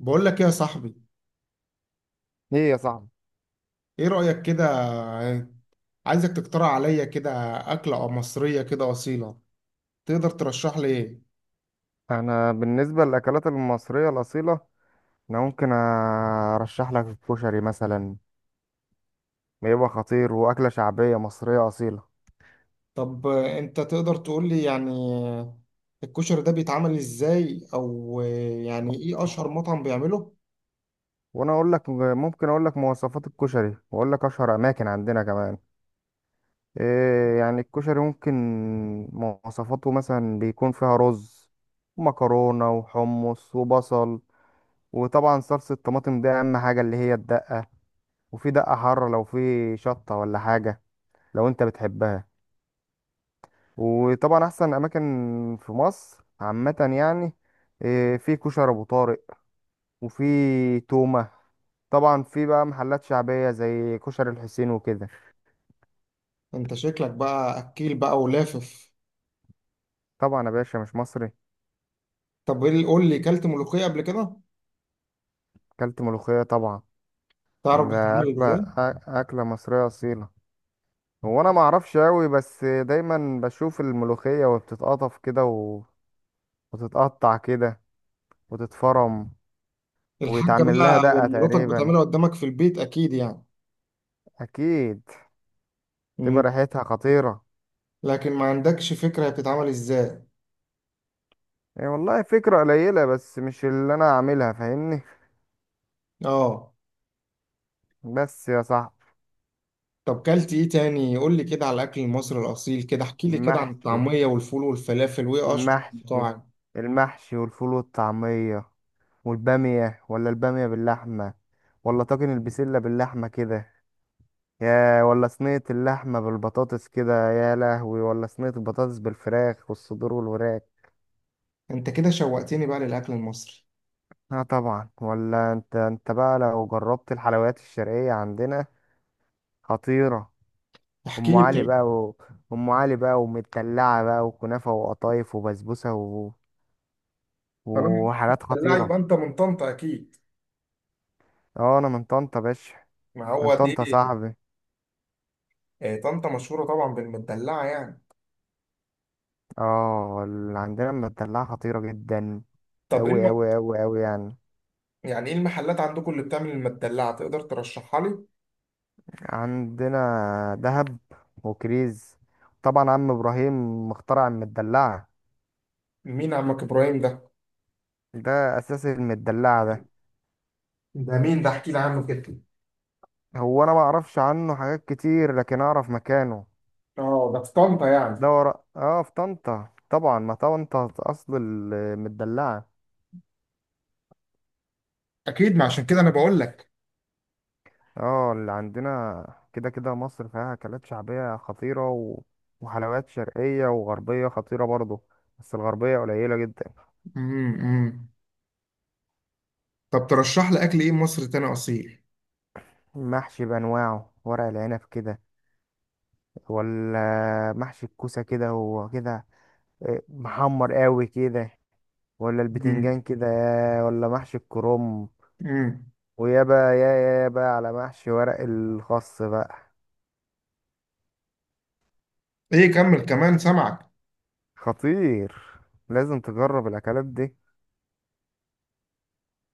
بقول لك إيه يا صاحبي؟ ايه يا صاحبي. ايه رأيك كده؟ عايزك تقترح عليا كده أكلة أو مصرية كده أصيلة. تقدر ترشح لي ايه؟ انا بالنسبه للاكلات المصريه الاصيله، انا ممكن ارشح لك الكشري مثلا. بيبقى خطير، واكله شعبيه مصريه اصيله. طب انت تقدر تقول لي يعني الكشري ده بيتعمل ازاي او يعني ايه اشهر آه. مطعم بيعمله؟ وانا اقول لك، ممكن اقول لك مواصفات الكشري واقول لك اشهر اماكن عندنا كمان. إيه، يعني الكشري ممكن مواصفاته مثلا بيكون فيها رز ومكرونه وحمص وبصل، وطبعا صلصه الطماطم دي اهم حاجه، اللي هي الدقه. وفي دقه حاره لو في شطه ولا حاجه، لو انت بتحبها. وطبعا احسن اماكن في مصر عامه يعني إيه، في كشري ابو طارق، وفي تومه. طبعا في بقى محلات شعبيه زي كشري الحسين وكده. انت شكلك بقى اكيل بقى ولافف. طبعا يا باشا، مش مصري؟ طب قول لي، كلت ملوخية قبل كده؟ اكلت ملوخيه طبعا. تعرف ده بتتعمل ازاي؟ اكله مصريه اصيله. هو انا ما اعرفش قوي، بس دايما بشوف الملوخيه وبتتقطف كده وتتقطع كده، وتتفرم. الحاجة ويتعمل لها بقى أو دقه مراتك تقريبا، بتعملها قدامك في البيت اكيد يعني. اكيد. مم. تبقى ريحتها خطيره. لكن ما عندكش فكرة هي بتتعمل ازاي. هي والله فكرة قليلة، بس مش اللي أنا عاملها، فاهمني. اه. بس يا صاحبي، طب كلت ايه تاني؟ قول لي كده على الاكل المصري الاصيل، كده احكي لي كده عن المحشي الطعميه والفول والفلافل، وايه اشهر المحشي المطاعم؟ المحشي، والفول والطعمية، والبامية، ولا البامية باللحمة، ولا طاجن البسلة باللحمة كده، يا ولا صينية اللحمة بالبطاطس كده، يا لهوي، ولا صينية البطاطس بالفراخ والصدور والوراك. انت كده شوقتني بقى للاكل المصري. اه طبعا. ولا انت بقى لو جربت الحلويات الشرقية عندنا خطيرة. احكي ام لي علي طيب. بقى و... ام علي بقى ومدلعه بقى وكنافه وقطايف وبسبوسه طالما وحاجات مدلعه، يبقى خطيره. انت من طنطا اكيد. اه انا من طنطا باشا. ما من هو دي. طنطا صاحبي. آه، طنطا مشهوره طبعا بالمدلعه يعني. اه اللي عندنا المدلعه خطيره جدا. طب اوي اوي اوي اوي يعني. يعني ايه المحلات عندكم اللي بتعمل المدلعه؟ تقدر ترشحها لي؟ عندنا دهب وكريز، طبعا عم ابراهيم مخترع المدلعه. مين عمك ابراهيم ده؟ ده اساس المدلعه ده. ده مين ده؟ احكي لي عنه كده. هو انا ما اعرفش عنه حاجات كتير، لكن اعرف مكانه. اه، ده في طنطا يعني. دورة اه في طنطا طبعا، ما طنطا اصل المدلعة. اكيد، ما عشان كده انا بقول لك. اه اللي عندنا كده كده، مصر فيها اكلات شعبية خطيرة، و... وحلويات شرقية وغربية خطيرة برضو. بس الغربية قليلة جدا. أمم. طب ترشح لي اكل ايه مصري تاني اصيل. محشي بأنواعه، ورق العنب كده، ولا محشي الكوسة كده وكده. إيه، محمر قوي كده، ولا مم. البتنجان كده، ولا محشي الكرنب. مم. ويا بقى يا بقى على محشي ورق الخاص بقى. ايه، كمل كمان سامعك. خطير، لازم تجرب الاكلات دي.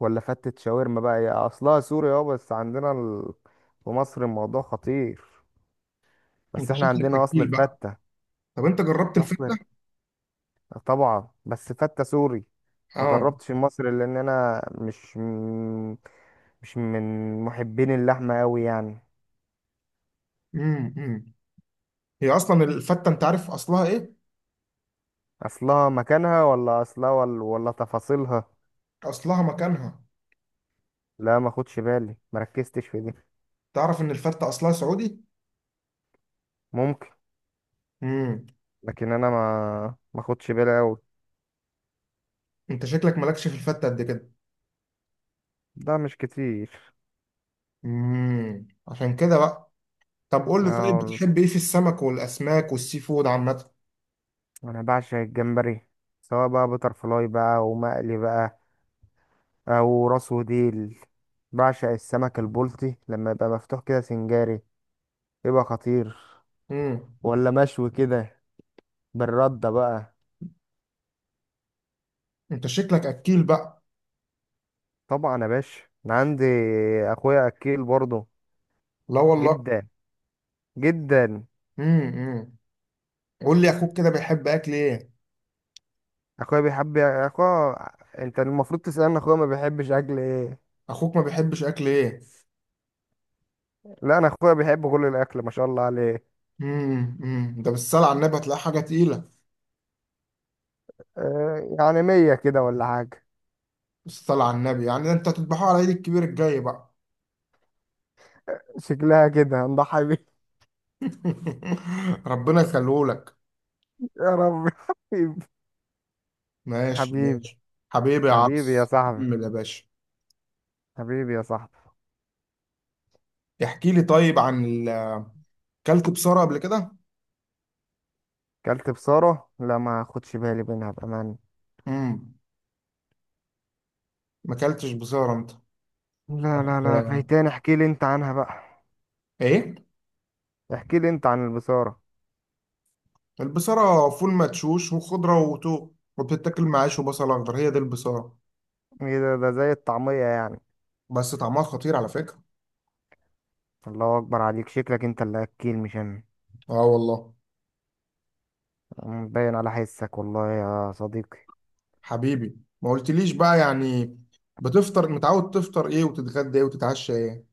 ولا فتة شاورما، بقى هي اصلها سوري، اه بس عندنا في مصر الموضوع خطير. بس انت احنا شكلك عندنا اصل اكيل بقى. الفتة. طب انت جربت اصل. الفته؟ طبعا بس فتة سوري. ما اه. جربتش المصري، لان انا مش من محبين اللحمة قوي يعني. مم. مم. هي اصلا الفته، انت عارف اصلها ايه؟ اصلها مكانها، ولا اصلها، ولا تفاصيلها. اصلها مكانها. لا ما خدش بالي، ما ركزتش في دي. تعرف ان الفته اصلها سعودي؟ ممكن، مم. لكن انا ما خدش بالي قوي. انت شكلك مالكش في الفته قد كده. ده مش كتير. مم. عشان كده بقى. طب قول اه لي طيب، والله. بتحب ايه في السمك والاسماك والسي فود عامه؟ انا بعشق الجمبري، سواء بقى بتر فلاي بقى ومقلي بقى، او راس وديل. بعشق السمك البلطي لما يبقى مفتوح كده سنجاري، يبقى خطير، مم. ولا مشوي كده بالردة بقى. انت شكلك اكيل بقى. طبعا يا باشا، انا عندي اخويا اكيل برضه. لا والله. جدا جدا. مم. مم. قول لي اخوك كده بيحب اكل ايه؟ اخويا بيحب اخويا، انت المفروض تسألني اخويا ما بيحبش اكل ايه. اخوك ما بيحبش اكل ايه؟ لا، انا اخويا بيحب كل الاكل، ما شاء الله عليه. امم، ده بالصلاة على النبي هتلاقي حاجة تقيلة. آه، يعني مية كده ولا حاجة. بالصلاة على النبي يعني ده انت هتذبحوه على عيد الكبير الجاي بقى. شكلها كده هنضحي بيه. ربنا يخليهولك. يا رب حبيبي. ماشي حبيبي. ماشي. حبيبي يا حبيبي يا عبس، صاحبي. كمل يا باشا. حبيبي يا صاحبي. احكي لي طيب اكلت بصارة قبل كده؟ كلت بصارة؟ لا ما اخدش بالي منها بأمان. امم. ما اكلتش بصارة انت؟ لا طب، لا لا، فايتاني، احكي لي انت عنها بقى. ايه؟ احكي لي انت عن البصارة. البصارة فول مدشوش وخضرة وتو، وبتتاكل مع عيش وبصل اخضر، هي دي البصارة. ايه ده؟ ده زي الطعمية يعني. بس طعمها خطير على فكرة. الله اكبر عليك، شكلك انت اللي اكيل مش انا. اه والله. باين على حسك والله يا صديقي. حبيبي، ما قلتليش بقى يعني. بتفطر متعود تفطر ايه وتتغدى ايه وتتعشى ايه؟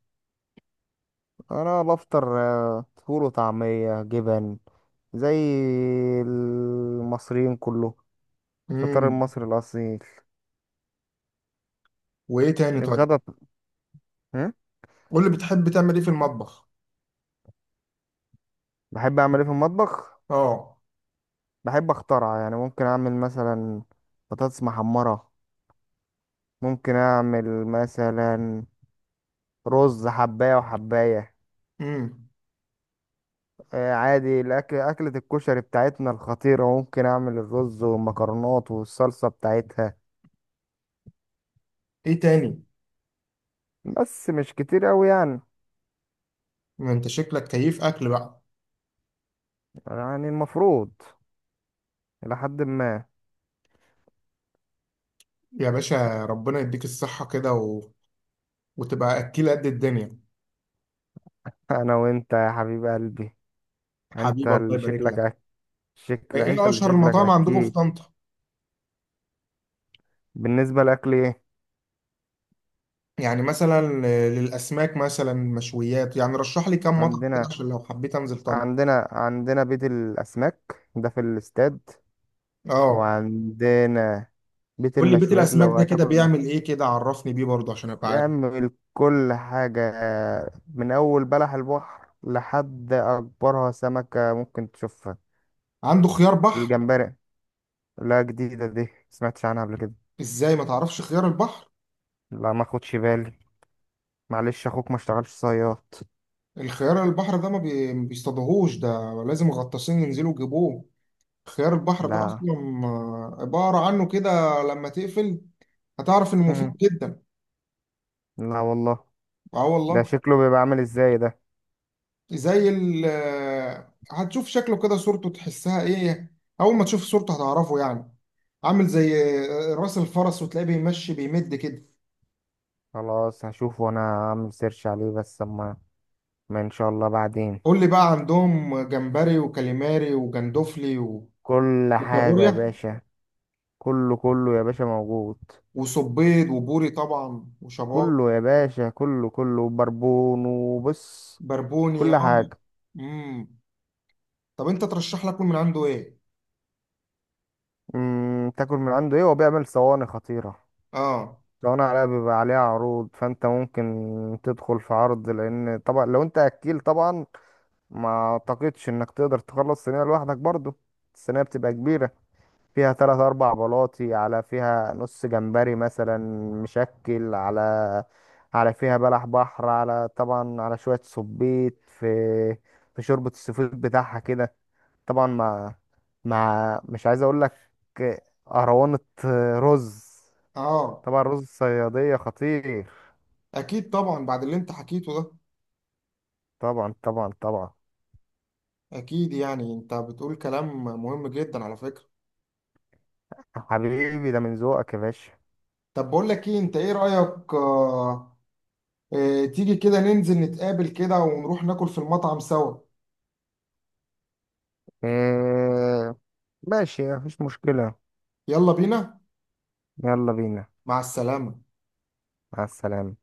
انا بفطر فول وطعمية جبن، زي المصريين كله. الفطار امم. المصري الاصيل. وايه تاني طيب؟ الغدا ب- هم؟ قول لي بتحب تعمل ايه في المطبخ. بحب اعمل ايه في المطبخ؟ اه. بحب اخترع، يعني ممكن اعمل مثلا بطاطس محمرة، ممكن اعمل مثلا رز حباية وحباية. امم. آه، عادي الاكل، اكلة الكشري بتاعتنا الخطيرة، ممكن اعمل الرز والمكرونات والصلصة بتاعتها. ايه تاني؟ بس مش كتير اوي يعني، ما انت شكلك كيف اكل بقى. يعني المفروض الى حد ما. يا باشا، ربنا يديك الصحة كده. وتبقى اكيل قد الدنيا. انا وانت يا حبيب قلبي. انت حبيبي، الله اللي يبارك شكلك لك. أك... شكل، ايه انت إيه اللي اشهر شكلك المطاعم عندكم في اكيد. طنطا؟ بالنسبة لاكل ايه؟ يعني مثلا للاسماك، مثلا مشويات، يعني رشح لي كام مطعم كده عندنا، عشان لو حبيت انزل طنطا. عندنا بيت الاسماك، ده في الاستاد. اه. وعندنا بيت قول لي بيت المشويات، الاسماك ده كده بيعمل ايه؟ كده عرفني بيه برضه عشان ابقى عارف. بيعمل كل حاجة، من أول بلح البحر لحد أكبرها سمكة ممكن تشوفها. عنده خيار بحر؟ الجمبري. لا، جديدة دي، سمعتش عنها قبل كده. ازاي ما تعرفش خيار البحر؟ لا ما خدش بالي، معلش أخوك ما اشتغلش صياد. الخيار البحر ده ما بيصطادوهوش ده. لازم غطاسين ينزلوا يجيبوه. خيار البحر ده لا. اصلا. آه، ابقى اقرا عنه كده لما تقفل. هتعرف انه مم. مفيد جدا. لا والله. اه ده والله. شكله بيبقى عامل ازاي ده؟ زي ال آه، هتشوف شكله كده صورته تحسها ايه. اول ما تشوف صورته هتعرفه يعني. عامل زي راس الفرس وتلاقيه بيمشي بيمد كده. خلاص هشوفه، انا هعمل سيرش عليه بس اما، ما ان شاء الله بعدين. قول لي بقى، عندهم جمبري وكاليماري وجندوفلي كل حاجة يا وكابوريا، باشا. كله كله يا باشا، موجود. وصبيد وبوري طبعا وشبار. كله يا باشا، كله كله، بربون وبص. بربوني كل اه. حاجة. امم. طب انت ترشح لك من عنده ايه؟ تاكل من عنده ايه؟ هو بيعمل صواني خطيرة. اه. صواني عليها، بيبقى عليها عروض، فانت ممكن تدخل في عرض، لان طبعا لو انت اكيل طبعا، ما اعتقدش انك تقدر تخلص صينية لوحدك برضو. الصينية بتبقى كبيرة، فيها تلات اربع بلاطي، على فيها نص جمبري مثلا مشكل، على فيها بلح بحر، على طبعا على شوية صبيط، في شوربة السفود بتاعها كده، طبعا مع مش عايز اقول لك، اهرونة، رز. اه. طبعا رز الصيادية خطير. اكيد طبعا بعد اللي انت حكيته ده. طبعا طبعا طبعا. اكيد، يعني انت بتقول كلام مهم جدا على فكرة. حبيبي، ده من ذوقك يا باشا. طب بقول لك ايه، انت ايه رأيك؟ تيجي كده ننزل نتقابل كده ونروح ناكل في المطعم سوا. إيه، ماشي، مفيش مشكلة. يلا بينا. يلا بينا. مع السلامة. مع السلامة.